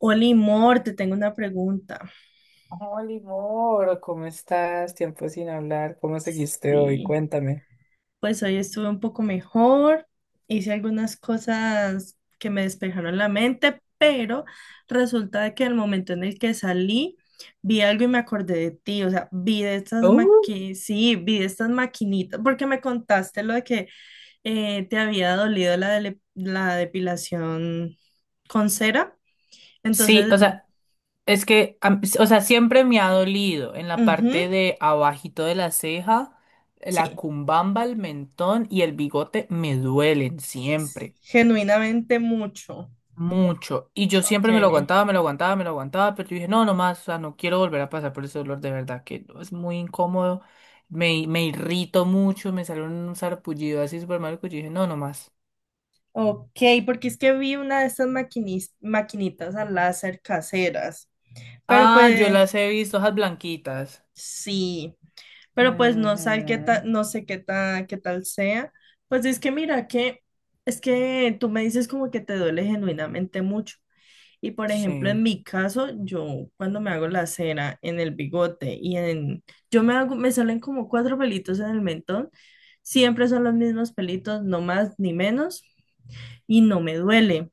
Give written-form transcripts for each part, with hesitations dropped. Oli Mor, te tengo una pregunta. Hola Moro, ¿cómo estás? Tiempo sin hablar. ¿Cómo seguiste hoy? Sí, Cuéntame. pues hoy estuve un poco mejor, hice algunas cosas que me despejaron la mente, pero resulta de que al momento en el que salí, vi algo y me acordé de ti, o sea, vi de estas maquinitas, porque me contaste lo de que te había dolido la depilación con cera, Sí, entonces, o sea, es que, o sea, siempre me ha dolido en la ujú, parte de abajito de la ceja, la sí, cumbamba, el mentón y el bigote me duelen siempre, genuinamente mucho. mucho. Y yo Ok. siempre me lo aguantaba, me lo aguantaba, me lo aguantaba, pero yo dije, no, no más, o sea, no quiero volver a pasar por ese dolor de verdad, que no, es muy incómodo, me irrito mucho, me sale un sarpullido así súper malo que yo dije, no, no más. Ok, porque es que vi una de estas maquinitas a láser caseras, pero Ah, yo pues las he visto, esas blanquitas. sí, pero pues Ujú. No sé qué tal sea. Pues es que mira que es que tú me dices como que te duele genuinamente mucho. Y por ejemplo, Sí. en mi caso, yo cuando me hago la cera en el bigote y en yo me hago me salen como cuatro pelitos en el mentón, siempre son los mismos pelitos, no más ni menos, y no me duele.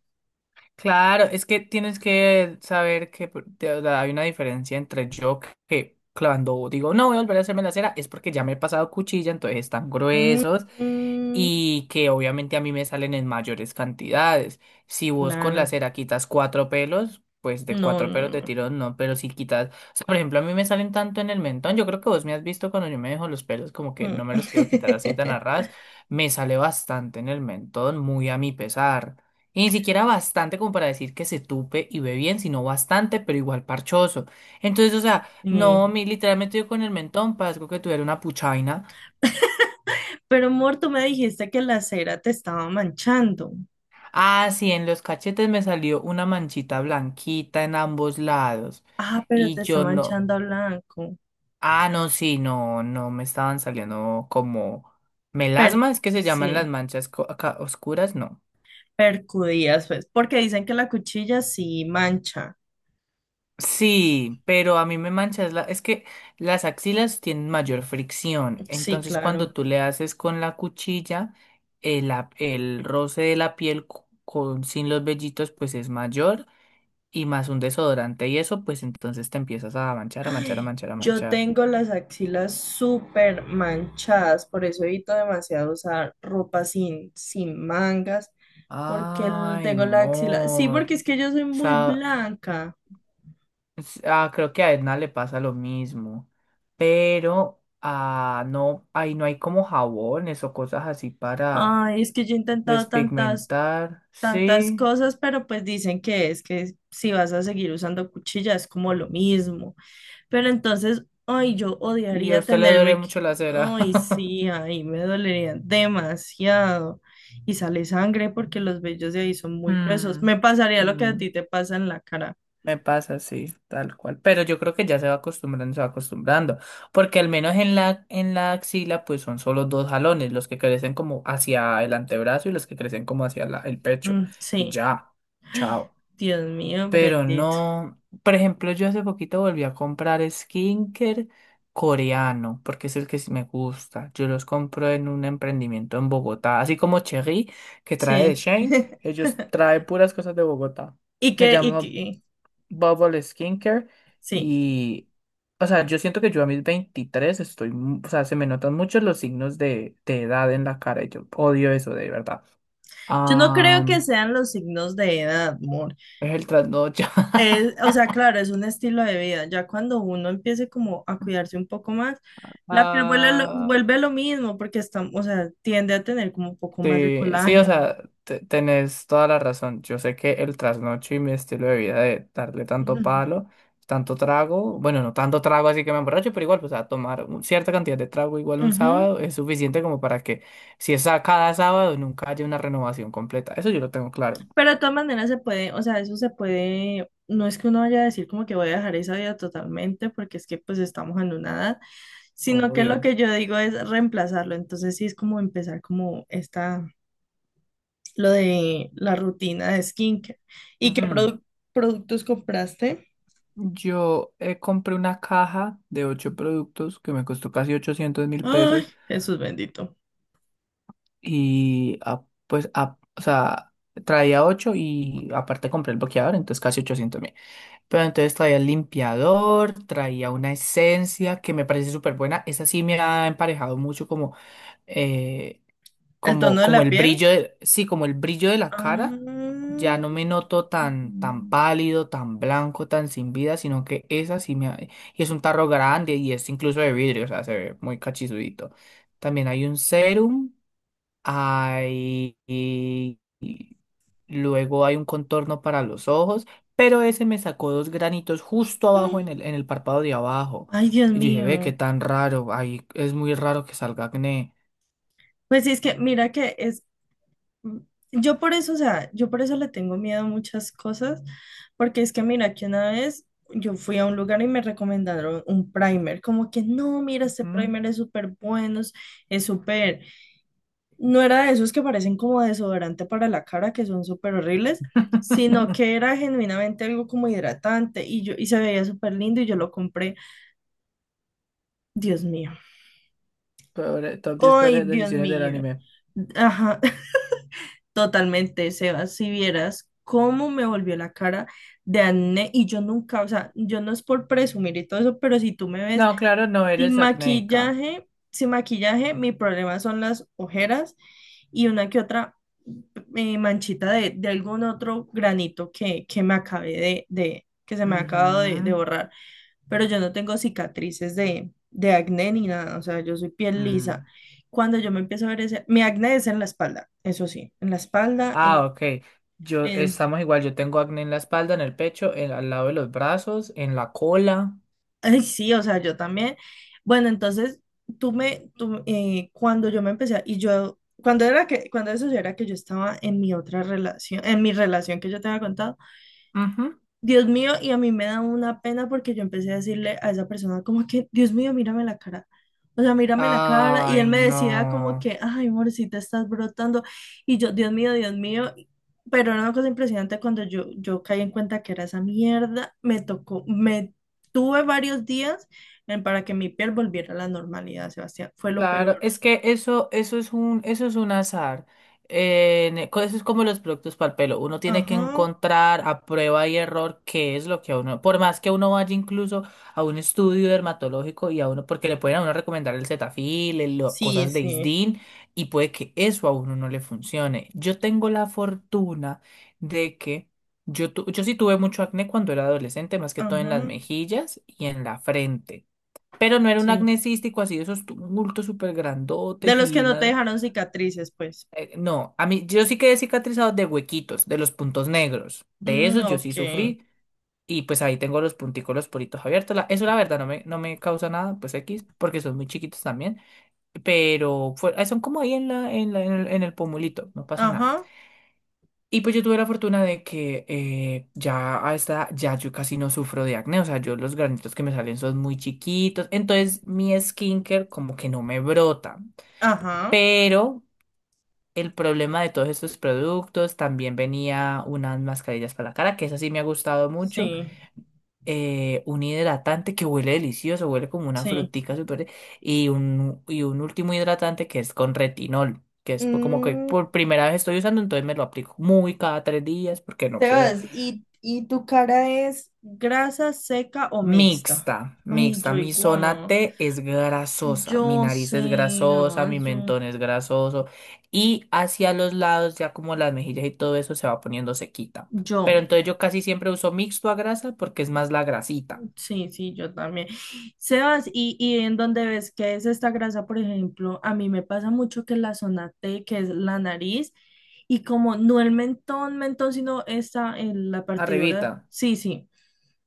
Claro, es que tienes que saber que o sea, hay una diferencia entre yo que cuando digo no voy a volver a hacerme la cera es porque ya me he pasado cuchilla, entonces están Mm, gruesos mm, y que obviamente a mí me salen en mayores cantidades. Si vos con la claro. cera quitas cuatro pelos, pues de No, cuatro no, pelos de no. tirón no, pero si quitas, o sea, por ejemplo, a mí me salen tanto en el mentón, yo creo que vos me has visto cuando yo me dejo los pelos como que Mm. no me los quiero quitar así tan a ras, me sale bastante en el mentón, muy a mi pesar. Y ni siquiera bastante como para decir que se tupe y ve bien, sino bastante, pero igual parchoso. Entonces, o sea, no, Sí. mi literalmente yo con el mentón parezco que tuviera una puchaina. Pero, amor, tú me dijiste que la cera te estaba manchando. Ah, sí, en los cachetes me salió una manchita blanquita en ambos lados. Ah, pero Y te está yo no. manchando a blanco. Ah, no, sí, no, no, me estaban saliendo como melasma, es que se llaman las Sí, manchas acá oscuras, no. percudías, pues, porque dicen que la cuchilla sí mancha. Sí, pero a mí me manchas la... Es que las axilas tienen mayor fricción, Sí, entonces cuando claro. tú le haces con la cuchilla, el roce de la piel con, sin los vellitos pues es mayor y más un desodorante y eso pues entonces te empiezas a manchar, a manchar, a manchar, a Yo manchar. tengo las axilas súper manchadas, por eso evito demasiado usar ropa sin mangas. Ay, Tengo la axila. Sí, amor. O porque es que yo soy muy sea, blanca. Creo que a Edna le pasa lo mismo, pero no, ahí no hay como jabones o cosas así para Ay, es que yo he intentado despigmentar, tantas sí. cosas, pero pues dicen que es que si vas a seguir usando cuchilla es como lo mismo. Pero entonces, ay, yo Y a odiaría usted le duele tenerme que... mucho la cera. Ay, sí, ahí me dolería demasiado. Y sale sangre porque los vellos de ahí son muy gruesos. Mm, Me pasaría lo que a mm, ti te pasa en la cara. me pasa, sí, tal cual. Pero yo creo que ya se va acostumbrando, se va acostumbrando. Porque al menos en en la axila, pues son solo dos jalones, los que crecen como hacia el antebrazo y los que crecen como hacia el pecho. Mm, Y sí, ya, chao. Dios mío, Pero bendito. no, por ejemplo, yo hace poquito volví a comprar skinker coreano, porque es el que sí me gusta. Yo los compro en un emprendimiento en Bogotá, así como Cherry, que trae de Sí. Shane, ellos traen puras cosas de Bogotá. Y Se que, y llama que, Bubble Skincare sí. y, o sea, yo siento que yo a mis 23 estoy, o sea, se me notan mucho los signos de edad en la cara y yo odio eso de verdad. Yo no Ah, creo que sean los signos de edad, amor. es el trasnocho. O sea, claro, es un estilo de vida. Ya cuando uno empiece como a cuidarse un poco más, la piel Ah, vuelve lo mismo porque está, o sea, tiende a tener como un poco más de Sí, sí, o colágeno. sea, tenés toda la razón. Yo sé que el trasnocho y mi estilo de vida de darle tanto Ujú. palo, tanto trago, bueno, no tanto trago así que me emborracho, pero igual, pues a tomar cierta cantidad de trago igual un Ujú. sábado es suficiente como para que si es a cada sábado nunca haya una renovación completa. Eso yo lo tengo claro, Pero de todas maneras se puede, o sea, eso se puede, no es que uno vaya a decir como que voy a dejar esa vida totalmente porque es que pues estamos en una edad, sino que lo obvio. que yo digo es reemplazarlo. Entonces sí es como empezar como esta lo de la rutina de skincare. ¿Y qué Mm. produ- Productos compraste? Yo compré una caja de 8 productos que me costó casi ochocientos mil Ay, pesos. Jesús bendito. Y o sea, traía 8 y aparte compré el bloqueador, entonces casi 800.000. Pero entonces traía el limpiador, traía una esencia que me parece súper buena. Esa sí me ha emparejado mucho como, eh, ¿El tono de como la el piel? brillo de, sí, como el brillo de la cara. Ah. Ya no me noto tan, tan pálido, tan blanco, tan sin vida, sino que esa sí me ha... Y es un tarro grande y es incluso de vidrio, o sea, se ve muy cachizudito. También hay un serum. Hay, y- Luego hay un contorno para los ojos, pero ese me sacó dos granitos justo abajo en en el párpado de abajo. Ay, Dios Y yo dije, ve, qué mío. tan raro, ahí es muy raro que salga acné. Pues sí, es que mira que es, yo por eso, o sea, yo por eso le tengo miedo a muchas cosas, porque es que mira que una vez yo fui a un lugar y me recomendaron un primer, como que no, mira, este ¿Mm? primer es súper bueno, es súper. No era de esos que parecen como desodorante para la cara, que son súper horribles, sino que era genuinamente algo como hidratante, y yo y se veía súper lindo y yo lo compré. Dios mío. Top 10 Ay, peores Dios decisiones del mío. anime. Ajá, totalmente, Sebas, si vieras cómo me volvió la cara de acné. Y yo nunca, o sea, yo no es por presumir y todo eso, pero si tú me ves No, claro, no eres acnéica. Sin maquillaje, mi problema son las ojeras y una que otra manchita de algún otro granito que me que se me ha acabado Ujú, de borrar. Pero yo no tengo cicatrices de acné ni nada, o sea, yo soy piel lisa. mm. Cuando yo me empiezo a ver ese, mi acné es en la espalda, eso sí, en la espalda, Ah, ok. Yo, en estamos igual, yo tengo acné en la espalda, en el pecho, al lado de los brazos, en la cola. Ay, sí, o sea, yo también. Bueno, entonces, cuando yo me empecé, a- y yo, cuando era que, cuando eso era que yo estaba en mi otra relación, en mi relación que yo te había contado, Dios mío, y a mí me da una pena porque yo empecé a decirle a esa persona como que, Dios mío, mírame la cara. O sea, mírame la cara. Y él Ay, me decía como no. que, ay, amorcita, estás brotando. Y yo, Dios mío, Dios mío. Pero era una cosa impresionante cuando yo caí en cuenta que era esa mierda. Me tuve varios días para que mi piel volviera a la normalidad, Sebastián. Fue lo Claro, peor. es que eso, eso es un azar. Eso es como los productos para el pelo. Uno tiene que Ajá. encontrar a prueba y error qué es lo que a uno, por más que uno vaya incluso a un estudio dermatológico y a uno, porque le pueden a uno recomendar el Cetaphil, Sí, cosas de sí. Isdin, y puede que eso a uno no le funcione. Yo tengo la fortuna de que yo, yo sí tuve mucho acné cuando era adolescente, más que todo en Ajá. las mejillas y en la frente. Pero no era un Sí. acné cístico así de esos tumultos súper De grandotes los que y no te una... dejaron cicatrices, pues. No, a mí yo sí quedé cicatrizado de huequitos, de los puntos negros. De Mm, esos yo sí ok. sufrí y pues ahí tengo los punticos, los poritos abiertos. Eso la verdad no me, no me causa nada, pues X, porque son muy chiquitos también. Pero son como ahí en en el pomulito, no pasa nada. Ajá, Y pues yo tuve la fortuna de que ya a esta edad, ya yo casi no sufro de acné, o sea, yo los granitos que me salen son muy chiquitos, entonces mi skincare como que no me brota. ajá, Pero el problema de todos estos productos, también venía unas mascarillas para la cara, que esa sí me ha gustado mucho, sí, un hidratante que huele delicioso, huele como una sí. frutica súper, y un último hidratante que es con retinol, que es como que Mm, por primera vez estoy usando, entonces me lo aplico muy cada 3 días porque no quiero. Sebas, ¿ y tu cara es grasa, seca o mixta? Mixta, Ay, mixta. yo Mi zona igual. T es grasosa, mi Yo sé, nariz es grasosa, ah, mi yo, mentón es grasoso y hacia los lados, ya como las mejillas y todo eso, se va poniendo sequita. Pero yo, entonces yo casi siempre uso mixto a grasa porque es más la grasita. sí, sí, yo también. Sebas, ¿ y en dónde ves que es esta grasa, por ejemplo? A mí me pasa mucho que la zona T, que es la nariz, y como no el mentón, sino esta, en la Arribita, partidura, sí, sí.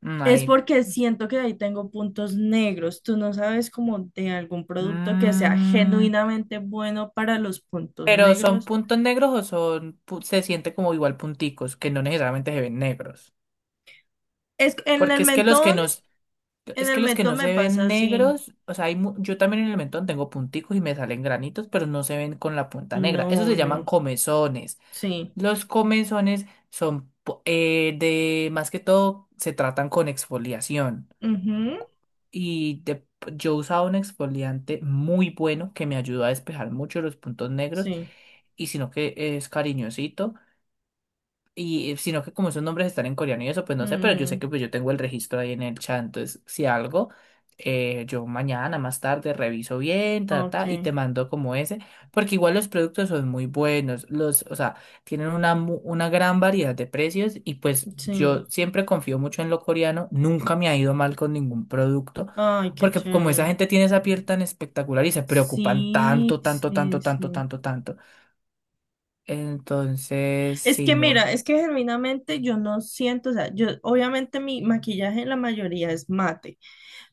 mm, Es ahí. porque siento que ahí tengo puntos negros. Tú no sabes como de algún producto que sea Mm. genuinamente bueno para los puntos Pero son negros. puntos negros o son, se siente como igual punticos, que no necesariamente se ven negros. Es Porque es que los que no. en Es el que los que mentón no me se pasa ven así. negros, o sea, yo también en el mentón tengo punticos y me salen granitos, pero no se ven con la punta negra. Esos No, se llaman no. comezones. Sí. Los comezones son más que todo, se tratan con exfoliación. Ujú, Y yo usaba un exfoliante muy bueno que me ayudó a despejar mucho los puntos negros sí. y sino que es cariñosito. Y sino que como esos nombres están en coreano y eso, pues no sé, pero yo sé Mm, que pues yo tengo el registro ahí en el chat, entonces si algo, yo mañana más tarde reviso bien, ta, ok. ta, y te mando como ese, porque igual los productos son muy buenos, o sea, tienen una, una gran variedad de precios y pues Sí. yo siempre confío mucho en lo coreano, nunca me ha ido mal con ningún producto, Ay, qué porque como esa chévere. gente tiene esa piel tan espectacular y se preocupan Sí, tanto, tanto, sí, tanto, tanto, sí. tanto, tanto, entonces, Es sí, que mor. mira, es que genuinamente yo no siento, o sea, yo obviamente mi maquillaje la mayoría es mate.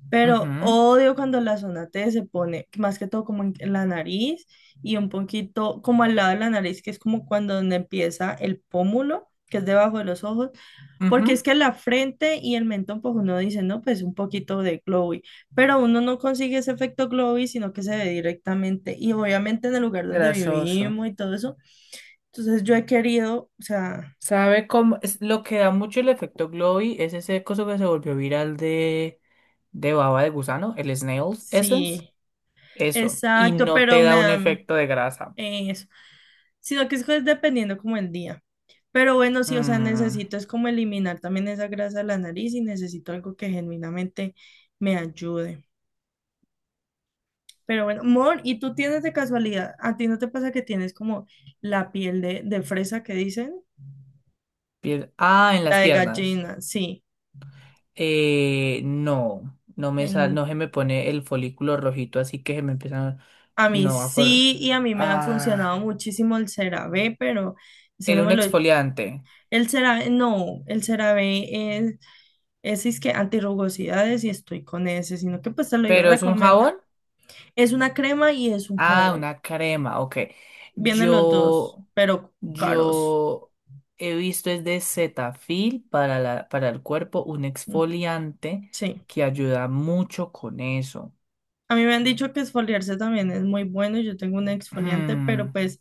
Pero Ujú. odio cuando la zona T se pone, más que todo como en la nariz y un poquito como al lado de la nariz, que es como cuando donde empieza el pómulo, que es debajo de los ojos, porque es Ujú, que la frente y el mentón, pues uno dice, no, pues un poquito de glowy, pero uno no consigue ese efecto glowy, sino que se ve directamente y obviamente en el lugar donde grasoso. vivimos y todo eso. Entonces yo he querido, o sea, ¿Sabe cómo? Es, lo que da mucho el efecto Glowy es ese coso que se volvió viral de baba de gusano, el Snail's Essence. sí, Eso. Y exacto, no te pero me da un da efecto de grasa. Eso, sino que es pues, dependiendo como el día. Pero bueno, sí, o sea, Mm, necesito es como eliminar también esa grasa de la nariz y necesito algo que genuinamente me ayude. Pero bueno, Mor, ¿y tú tienes de casualidad? ¿A ti no te pasa que tienes como la piel de fresa que dicen? Ah, en La las de piernas. gallina, sí. No. En- No se me pone el folículo rojito, así que se me empiezan. a mí No, a for... sí, y a mí me ha funcionado Ah, muchísimo el CeraVe, pero ese no era un me lo... exfoliante. El CeraVe, no, el CeraVe es ese es que antirrugosidades y estoy con ese, sino que pues te lo iba a ¿Pero es un jabón? recomendar. Es una crema y es un Ah, jabón. una crema, ok. Vienen los dos, Yo, pero caros. yo he visto es de Cetaphil para para el cuerpo, un Mm, exfoliante sí. que ayuda mucho con eso. A mí me han dicho que exfoliarse también es muy bueno. Yo tengo un exfoliante, pero Hmm, pues,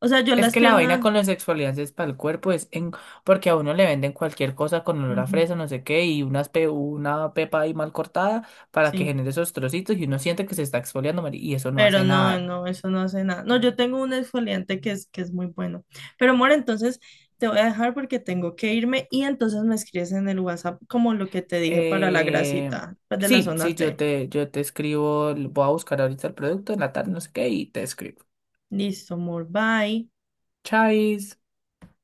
o sea, yo es las que la vaina piernas, con los exfoliantes para el cuerpo es en, porque a uno le venden cualquier cosa con olor a ujú, fresa, no sé qué, y una pepa ahí mal cortada para que sí. genere esos trocitos y uno siente que se está exfoliando, y eso no Pero hace no, nada. no, eso no hace nada. No, yo tengo un exfoliante que que es muy bueno. Pero amor, entonces te voy a dejar porque tengo que irme y entonces me escribes en el WhatsApp como lo que te dije para la Eh, grasita, pues de la sí, sí, zona T. Yo te escribo, voy a buscar ahorita el producto en la tarde, no sé qué, y te escribo. Listo, amor, bye. Chais.